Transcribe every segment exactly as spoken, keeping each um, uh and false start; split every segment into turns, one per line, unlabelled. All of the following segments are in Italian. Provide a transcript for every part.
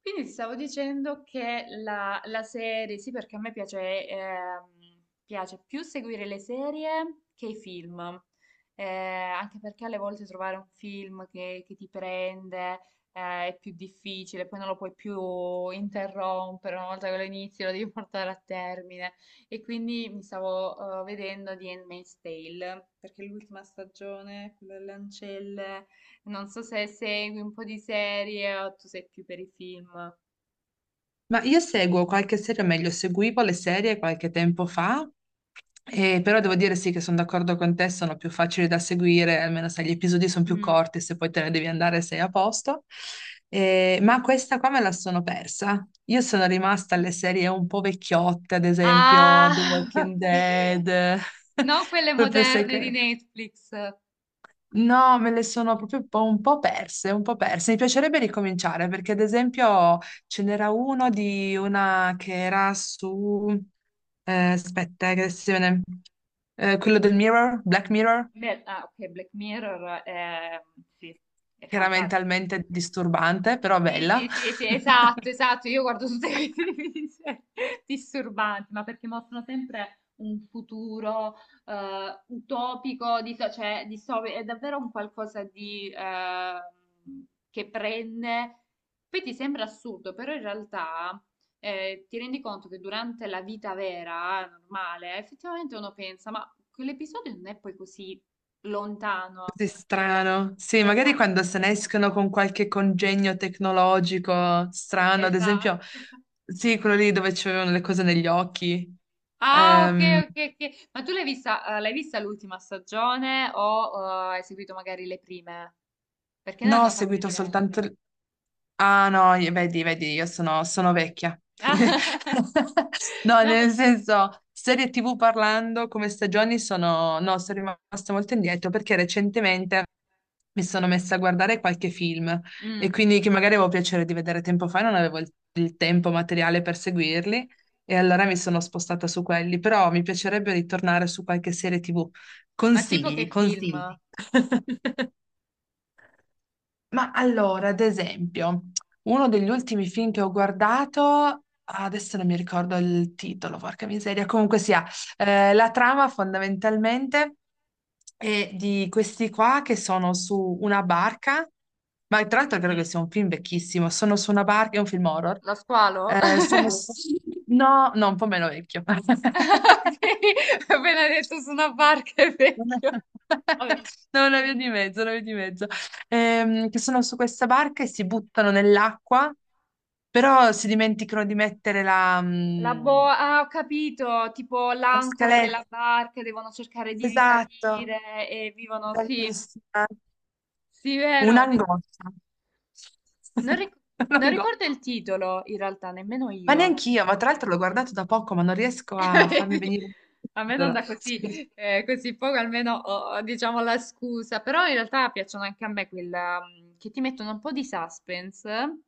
Quindi ti stavo dicendo che la, la serie, sì, perché a me piace, ehm, piace più seguire le serie che i film. Eh, anche perché alle volte trovare un film che, che ti prende, eh, è più difficile. Poi non lo puoi più interrompere, una volta che lo inizi lo devi portare a termine. E quindi mi stavo, eh, vedendo di Handmaid's Tale, perché l'ultima stagione, quella delle ancelle. Non so se segui un po' di serie o tu sei più per i film.
Ma io seguo qualche serie, o meglio, seguivo le serie qualche tempo fa, e però devo dire sì che sono d'accordo con te, sono più facili da seguire, almeno se gli episodi sono più
Mm.
corti, se poi te ne devi andare sei a posto. Eh, ma questa qua me la sono persa. Io sono rimasta alle serie un po' vecchiotte, ad esempio The
Ah,
Walking
ok.
Dead,
Non quelle
proprio
moderne di
secco.
Netflix.
No, me le sono proprio un po' un po' perse, un po' perse. Mi piacerebbe ricominciare perché, ad esempio, ce n'era uno di una che era su... eh, aspetta, eh, che adesso si viene- eh, quello del Mirror, Black Mirror,
Beh, ah, ok, Black Mirror è, sì, è
che era
fantastico.
mentalmente disturbante, però
Sì,
bella.
sì, sì, sì, esatto, esatto. Io guardo tutte queste serie disturbanti, ma perché mostrano sempre un futuro eh, utopico, di, so, cioè distopico. È davvero un qualcosa di, eh, che prende. Poi ti sembra assurdo, però in realtà eh, ti rendi conto che durante la vita vera, normale, effettivamente uno pensa, ma quell'episodio non è poi così lontano
Così
dalla...
strano. Sì, magari
Esatto,
quando se ne escono con qualche congegno tecnologico strano, ad esempio,
esatto.
sì, quello lì dove c'erano le cose negli occhi.
Ah, ok,
Ehm,
ok, ok. Ma tu l'hai vista, eh, l'hai vista l'ultima stagione o eh, hai seguito magari le prime? Perché ne
no, ho
hanno fatte
seguito soltanto.
diverse.
Ah no, io- vedi, vedi, io sono, sono vecchia. No,
No, ma...
nel senso, serie T V parlando come stagioni sono... No, sono rimasta molto indietro perché recentemente mi sono messa a guardare qualche film e
Mm.
quindi che magari avevo piacere di vedere tempo fa, non avevo il, il tempo materiale per seguirli e allora mi sono spostata su quelli, però mi piacerebbe ritornare su qualche serie T V.
Ma tipo
Consigli,
che
consigli.
film?
Ma allora, ad esempio, uno degli ultimi film che ho guardato, adesso non mi ricordo il titolo, porca miseria, comunque sia, eh, la trama fondamentalmente è di questi qua che sono su una barca, ma tra l'altro credo che
Mm.
sia un film vecchissimo, sono su una barca, è un film horror,
Lo squalo?
eh, sono... s- no, no, un po' meno vecchio.
Ok, appena detto su una barca è
Non è
vecchio. Vabbè.
no, una via di mezzo, una via di mezzo. Ehm, che sono su questa barca e si buttano nell'acqua, però si dimenticano di mettere la,
La
mm,
boa, ah, ho capito, tipo
la
l'ancora
scaletta.
della barca, devono cercare di
Esatto,
risalire e vivono, sì,
bravissima.
sì, vero. di-
Un'angoscia.
Non, ric- Non
Un'angoscia.
ricordo il titolo, in realtà, nemmeno
Ma
io.
neanch'io, ma tra l'altro l'ho guardato da poco, ma non riesco a farmi
Vedi?
venire il
A me non
titolo.
da così,
Sì,
eh, così poco, almeno ho, diciamo, la scusa, però in realtà piacciono anche a me quella mm, che ti mettono un po' di suspense.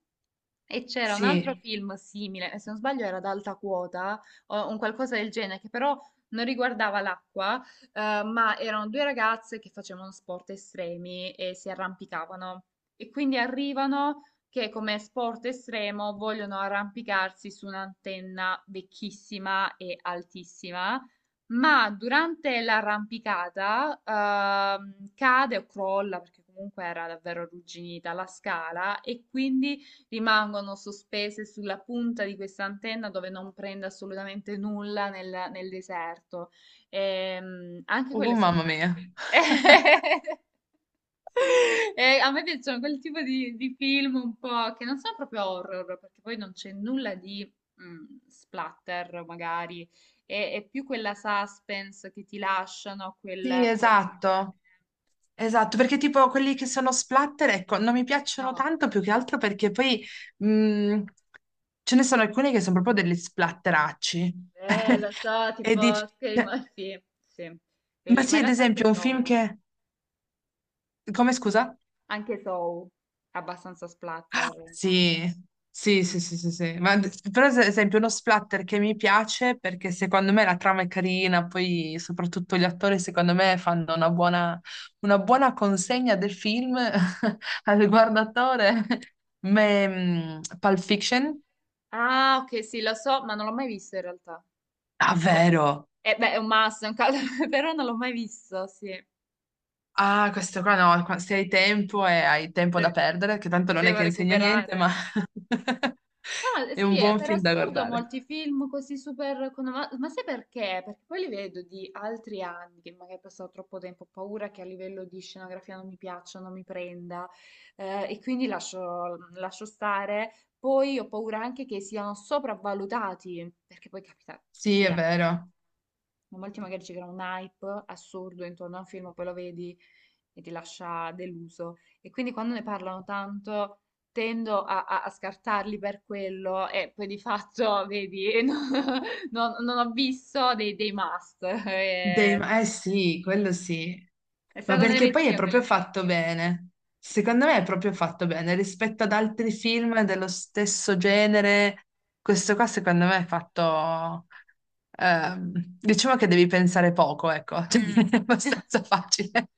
E c'era un altro
sì.
film simile, se non sbaglio era ad alta quota o un qualcosa del genere, che però non riguardava l'acqua, eh, ma erano due ragazze che facevano sport estremi e si arrampicavano. E quindi arrivano che come sport estremo vogliono arrampicarsi su un'antenna vecchissima e altissima, ma durante l'arrampicata, ehm, cade o crolla, perché comunque era davvero arrugginita la scala, e quindi rimangono sospese sulla punta di questa antenna dove non prende assolutamente nulla nel, nel deserto. Ehm, anche quello
Oh,
è
mamma
stato...
mia.
E a me piacciono quel tipo di, di film un po' che non sono proprio horror, perché poi non c'è nulla di mm, splatter, magari. È, è più quella suspense che ti lasciano,
Sì,
quella, quella...
esatto. Esatto, perché tipo quelli che sono splatter, ecco, non mi piacciono
No.
tanto più che altro perché poi mh, ce ne sono alcuni che sono proprio degli splatteracci.
Eh, lo so,
E dici,
tipo Scream,
cioè,
sì, sì.
ma
Quelli- Ma
sì,
in
ad
realtà anche
esempio, un film
Saw, eh.
che... Come scusa?
Anche Saw, è abbastanza splatter.
Sì, sì,
Mm.
sì, sì, sì, sì. Ma, d- però ad esempio uno splatter che mi piace perché secondo me la trama è carina, poi soprattutto gli attori secondo me fanno una buona, una buona consegna del film al guardatore. Ma, mm, Pulp Fiction?
Ah, ok, sì, lo so, ma non l'ho mai visto in realtà.
Ah,
Cioè,
vero.
eh, beh, è un must, è un caso, però non l'ho mai visto, sì.
Ah, questo qua no, qua- se hai tempo e hai tempo da
De-
perdere, che tanto non è
Devo
che insegna niente, ma
recuperare. No, eh,
è
sì,
un
eh,
buon
per
film da
assurdo
guardare.
molti film così super... con- Ma, ma sai perché? Perché poi li vedo di altri anni, che magari ho passato troppo tempo, ho paura che a livello di scenografia non mi piaccia, non mi prenda, eh, e quindi lascio, lascio stare. Poi ho paura anche che siano sopravvalutati, perché poi capita
Sì,
così
è
anche. Eh.
vero.
Molti magari ci creano un hype assurdo intorno a un film, poi lo vedi e ti lascia deluso. E quindi quando ne parlano tanto tendo a, a- a scartarli per quello e poi di fatto, vedi, non, non- non ho visto dei, dei must.
Dei-
È,
eh sì, quello sì.
è
Ma
stata
perché poi è
un'eresia quella.
proprio fatto bene. Secondo me è proprio fatto bene rispetto ad altri film dello stesso genere. Questo qua secondo me è fatto... ehm, diciamo che devi pensare poco, ecco. Cioè,
Mm.
è abbastanza facile.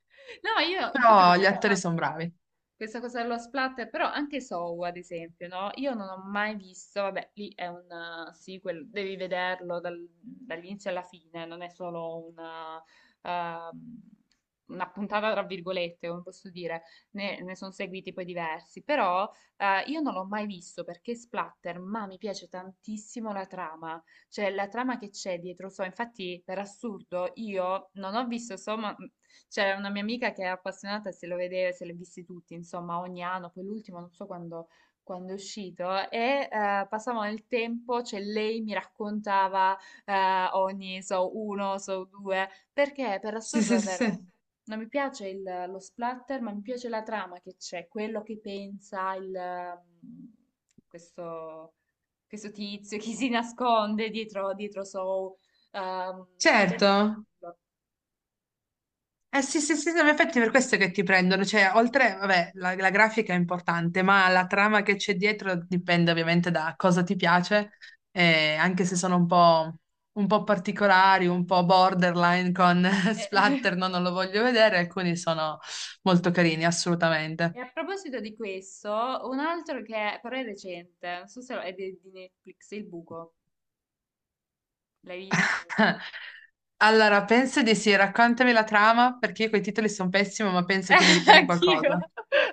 No, io infatti
Però gli
questa
attori
cosa.
sono bravi.
Questa cosa dello splatter, però anche Saw, ad esempio, no? Io non ho mai visto, vabbè, lì è un eh, sequel, devi vederlo dal- dall'inizio alla fine, non è solo una, ehm, una puntata tra virgolette, come posso dire, ne, ne sono seguiti poi diversi, però eh, io non l'ho mai visto perché splatter, ma mi piace tantissimo la trama, cioè la trama che c'è dietro Saw. Infatti per assurdo io non ho visto Saw, ma c'era una mia amica che è appassionata e se lo vedeva, se li ha visti tutti, insomma, ogni anno, poi l'ultimo non so quando, quando è uscito, e eh, passavamo il tempo, cioè lei mi raccontava eh, ogni, so, uno, so, due, perché per
Sì,
assurdo
sì, sì,
davvero
sì.
non mi piace il- lo splatter, ma mi piace la trama che c'è, quello che pensa il, mm, questo, questo tizio, chi si nasconde dietro, dietro so, sono
Certo.
bellissimo.
Eh sì, sì, sì, sì, in effetti è per questo che ti prendono, cioè oltre, vabbè, la, la grafica è importante, ma la trama che c'è dietro dipende ovviamente da cosa ti piace, eh, anche se sono un po', un po' particolari, un po' borderline con splatter, no, non lo voglio vedere, alcuni sono molto carini, assolutamente.
E a proposito di questo, un altro che però è recente, non so se lo- è di di Netflix, Il Buco, l'hai visto?
Allora, penso di sì, raccontami la trama, perché io coi titoli sono pessimo, ma penso che mi richiami
Anch'io.
qualcosa.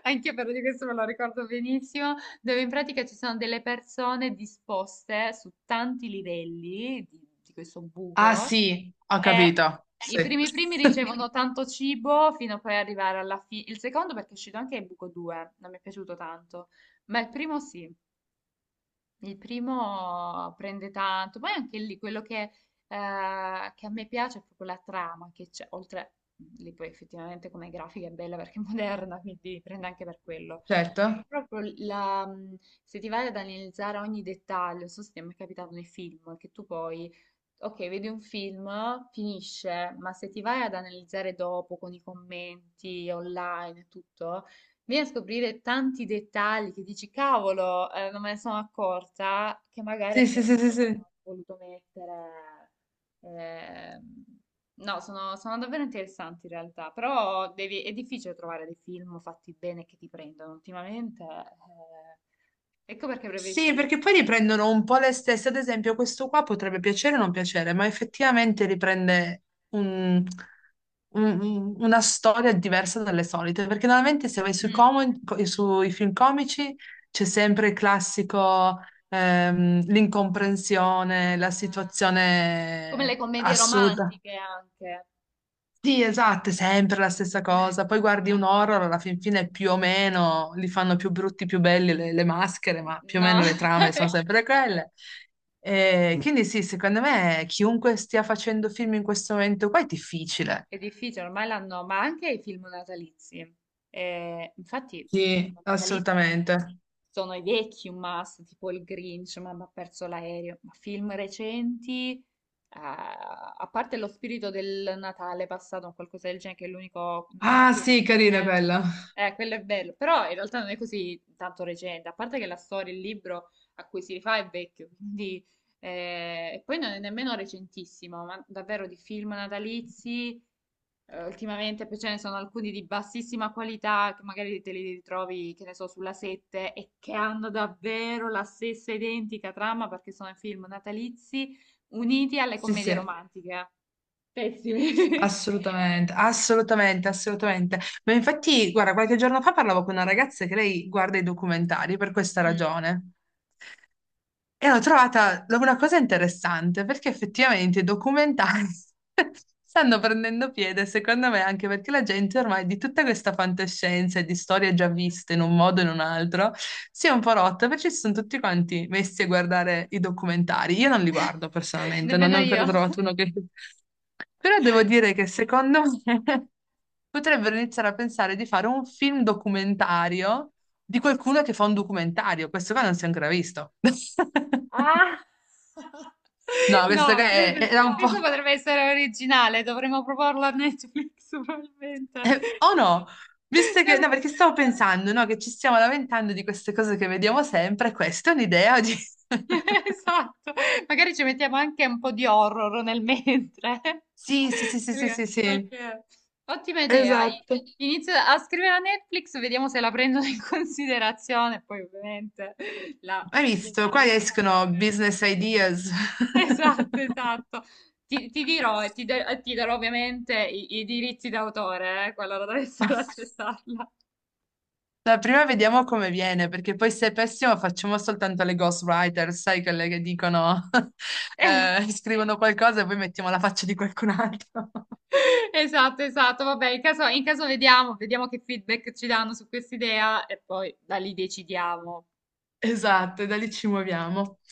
Anche però di questo me lo ricordo benissimo, dove in pratica ci sono delle persone disposte su tanti livelli di, di questo
Ah
buco
sì, ho
e
capito,
i
sì,
primi primi ricevono tanto cibo fino a poi arrivare alla fine. Il secondo perché è uscito anche il buco due, non mi è piaciuto tanto, ma il primo sì. Il primo prende tanto, poi anche lì quello che, eh, che a me piace è proprio la trama che c'è, oltre lì poi effettivamente come grafica è bella perché è moderna, quindi prende anche per quello. Ma
certo.
proprio la, mh, se ti vai ad analizzare ogni dettaglio, non so se ti è mai capitato nei film, che tu poi, ok, vedi un film, finisce, ma se ti vai ad analizzare dopo con i commenti online e tutto, vieni a scoprire tanti dettagli che dici, cavolo, eh, non me ne sono accorta, che magari
Sì, sì, sì, sì,
appunto
sì.
ho voluto mettere. ehm, No, sono, sono davvero interessanti in realtà, però devi- è difficile trovare dei film fatti bene che ti prendono ultimamente. eh, ecco perché preferisco
Sì,
le serie.
perché poi riprendono un po' le stesse. Ad esempio, questo qua potrebbe piacere o non piacere, ma effettivamente riprende un- un- una storia diversa dalle solite. Perché normalmente se vai sui,
Mm.
como- co- sui film comici c'è sempre il classico, ehm, l'incomprensione, la
Eh, come le
situazione
commedie
assoluta.
romantiche anche.
Sì, esatto, è sempre la stessa cosa. Poi guardi
No,
un horror, alla fin fine più o meno li fanno più brutti, più belli le, le maschere, ma più o meno le trame sono sempre quelle. E quindi sì, secondo me chiunque stia facendo film in questo momento qua è difficile.
è difficile, ormai l'hanno, ma anche i film natalizi. Eh, infatti i film
Sì.
natalizi
Assolutamente.
sono i vecchi un must, tipo il Grinch, Mamma ha perso l'aereo, ma film recenti, eh, a parte lo spirito del Natale passato o qualcosa del genere, che è l'unico... mm,
Ah,
più ri-
sì, carina
eh,
quella.
eh, quello è bello, però in realtà non è così tanto recente, a parte che la storia, il libro a cui si rifà è vecchio, quindi... eh, e poi non è nemmeno recentissimo, ma davvero di film natalizi... Eh, ultimamente poi ce ne sono alcuni di bassissima qualità che magari te li ritrovi, che ne so, sulla sette e che hanno davvero la stessa identica trama perché sono i film natalizi uniti alle
Sì,
commedie
sì,
romantiche. Pessimi.
assolutamente, assolutamente, assolutamente. Ma infatti, guarda, qualche giorno fa parlavo con una ragazza che lei guarda i documentari per questa
Mm,
ragione. E ho trovata una cosa interessante perché effettivamente i documentari stanno prendendo piede, secondo me, anche perché la gente ormai di tutta questa fantascienza e di storie
non
già
ne può
viste in
più.
un modo o in un altro si è un po' rotta perché si sono tutti quanti messi a guardare i documentari. Io non li guardo personalmente, non
Nemmeno
ne ho
io.
ancora trovato uno che... Però devo dire che secondo me potrebbero iniziare a pensare di fare un film documentario di qualcuno che fa un documentario. Questo qua non si è ancora visto.
Ah!
No, questo
No,
che è-
credo,
era un po'...
questo potrebbe essere originale, dovremmo proporlo a Netflix probabilmente.
eh, o no? Visto che... No, perché stavo pensando, no, che ci stiamo lamentando di queste cose che vediamo sempre, questa è un'idea di...
Esatto, magari ci mettiamo anche un po' di horror nel mentre.
Sì, sì, sì, sì, sì,
Perché
sì, sì.
qualche... Ottima idea. I-
Esatto.
Inizio a scrivere a Netflix, vediamo se la prendono in considerazione, poi ovviamente la
Hai
i
visto? Qua
diritti
escono
d'autore.
business ideas.
Esatto, esatto. Ti, ti dirò e ti, de- e ti darò ovviamente i, i diritti d'autore, eh, qualora dovessero accettarla.
No, prima vediamo come viene, perché poi se è pessimo facciamo soltanto le ghostwriter, sai, quelle che dicono, eh, scrivono qualcosa e poi mettiamo la faccia di qualcun altro.
Esatto, esatto. Vabbè, in caso, in caso vediamo, vediamo che feedback ci danno su quest'idea e poi da lì decidiamo.
Esatto, e da lì ci muoviamo.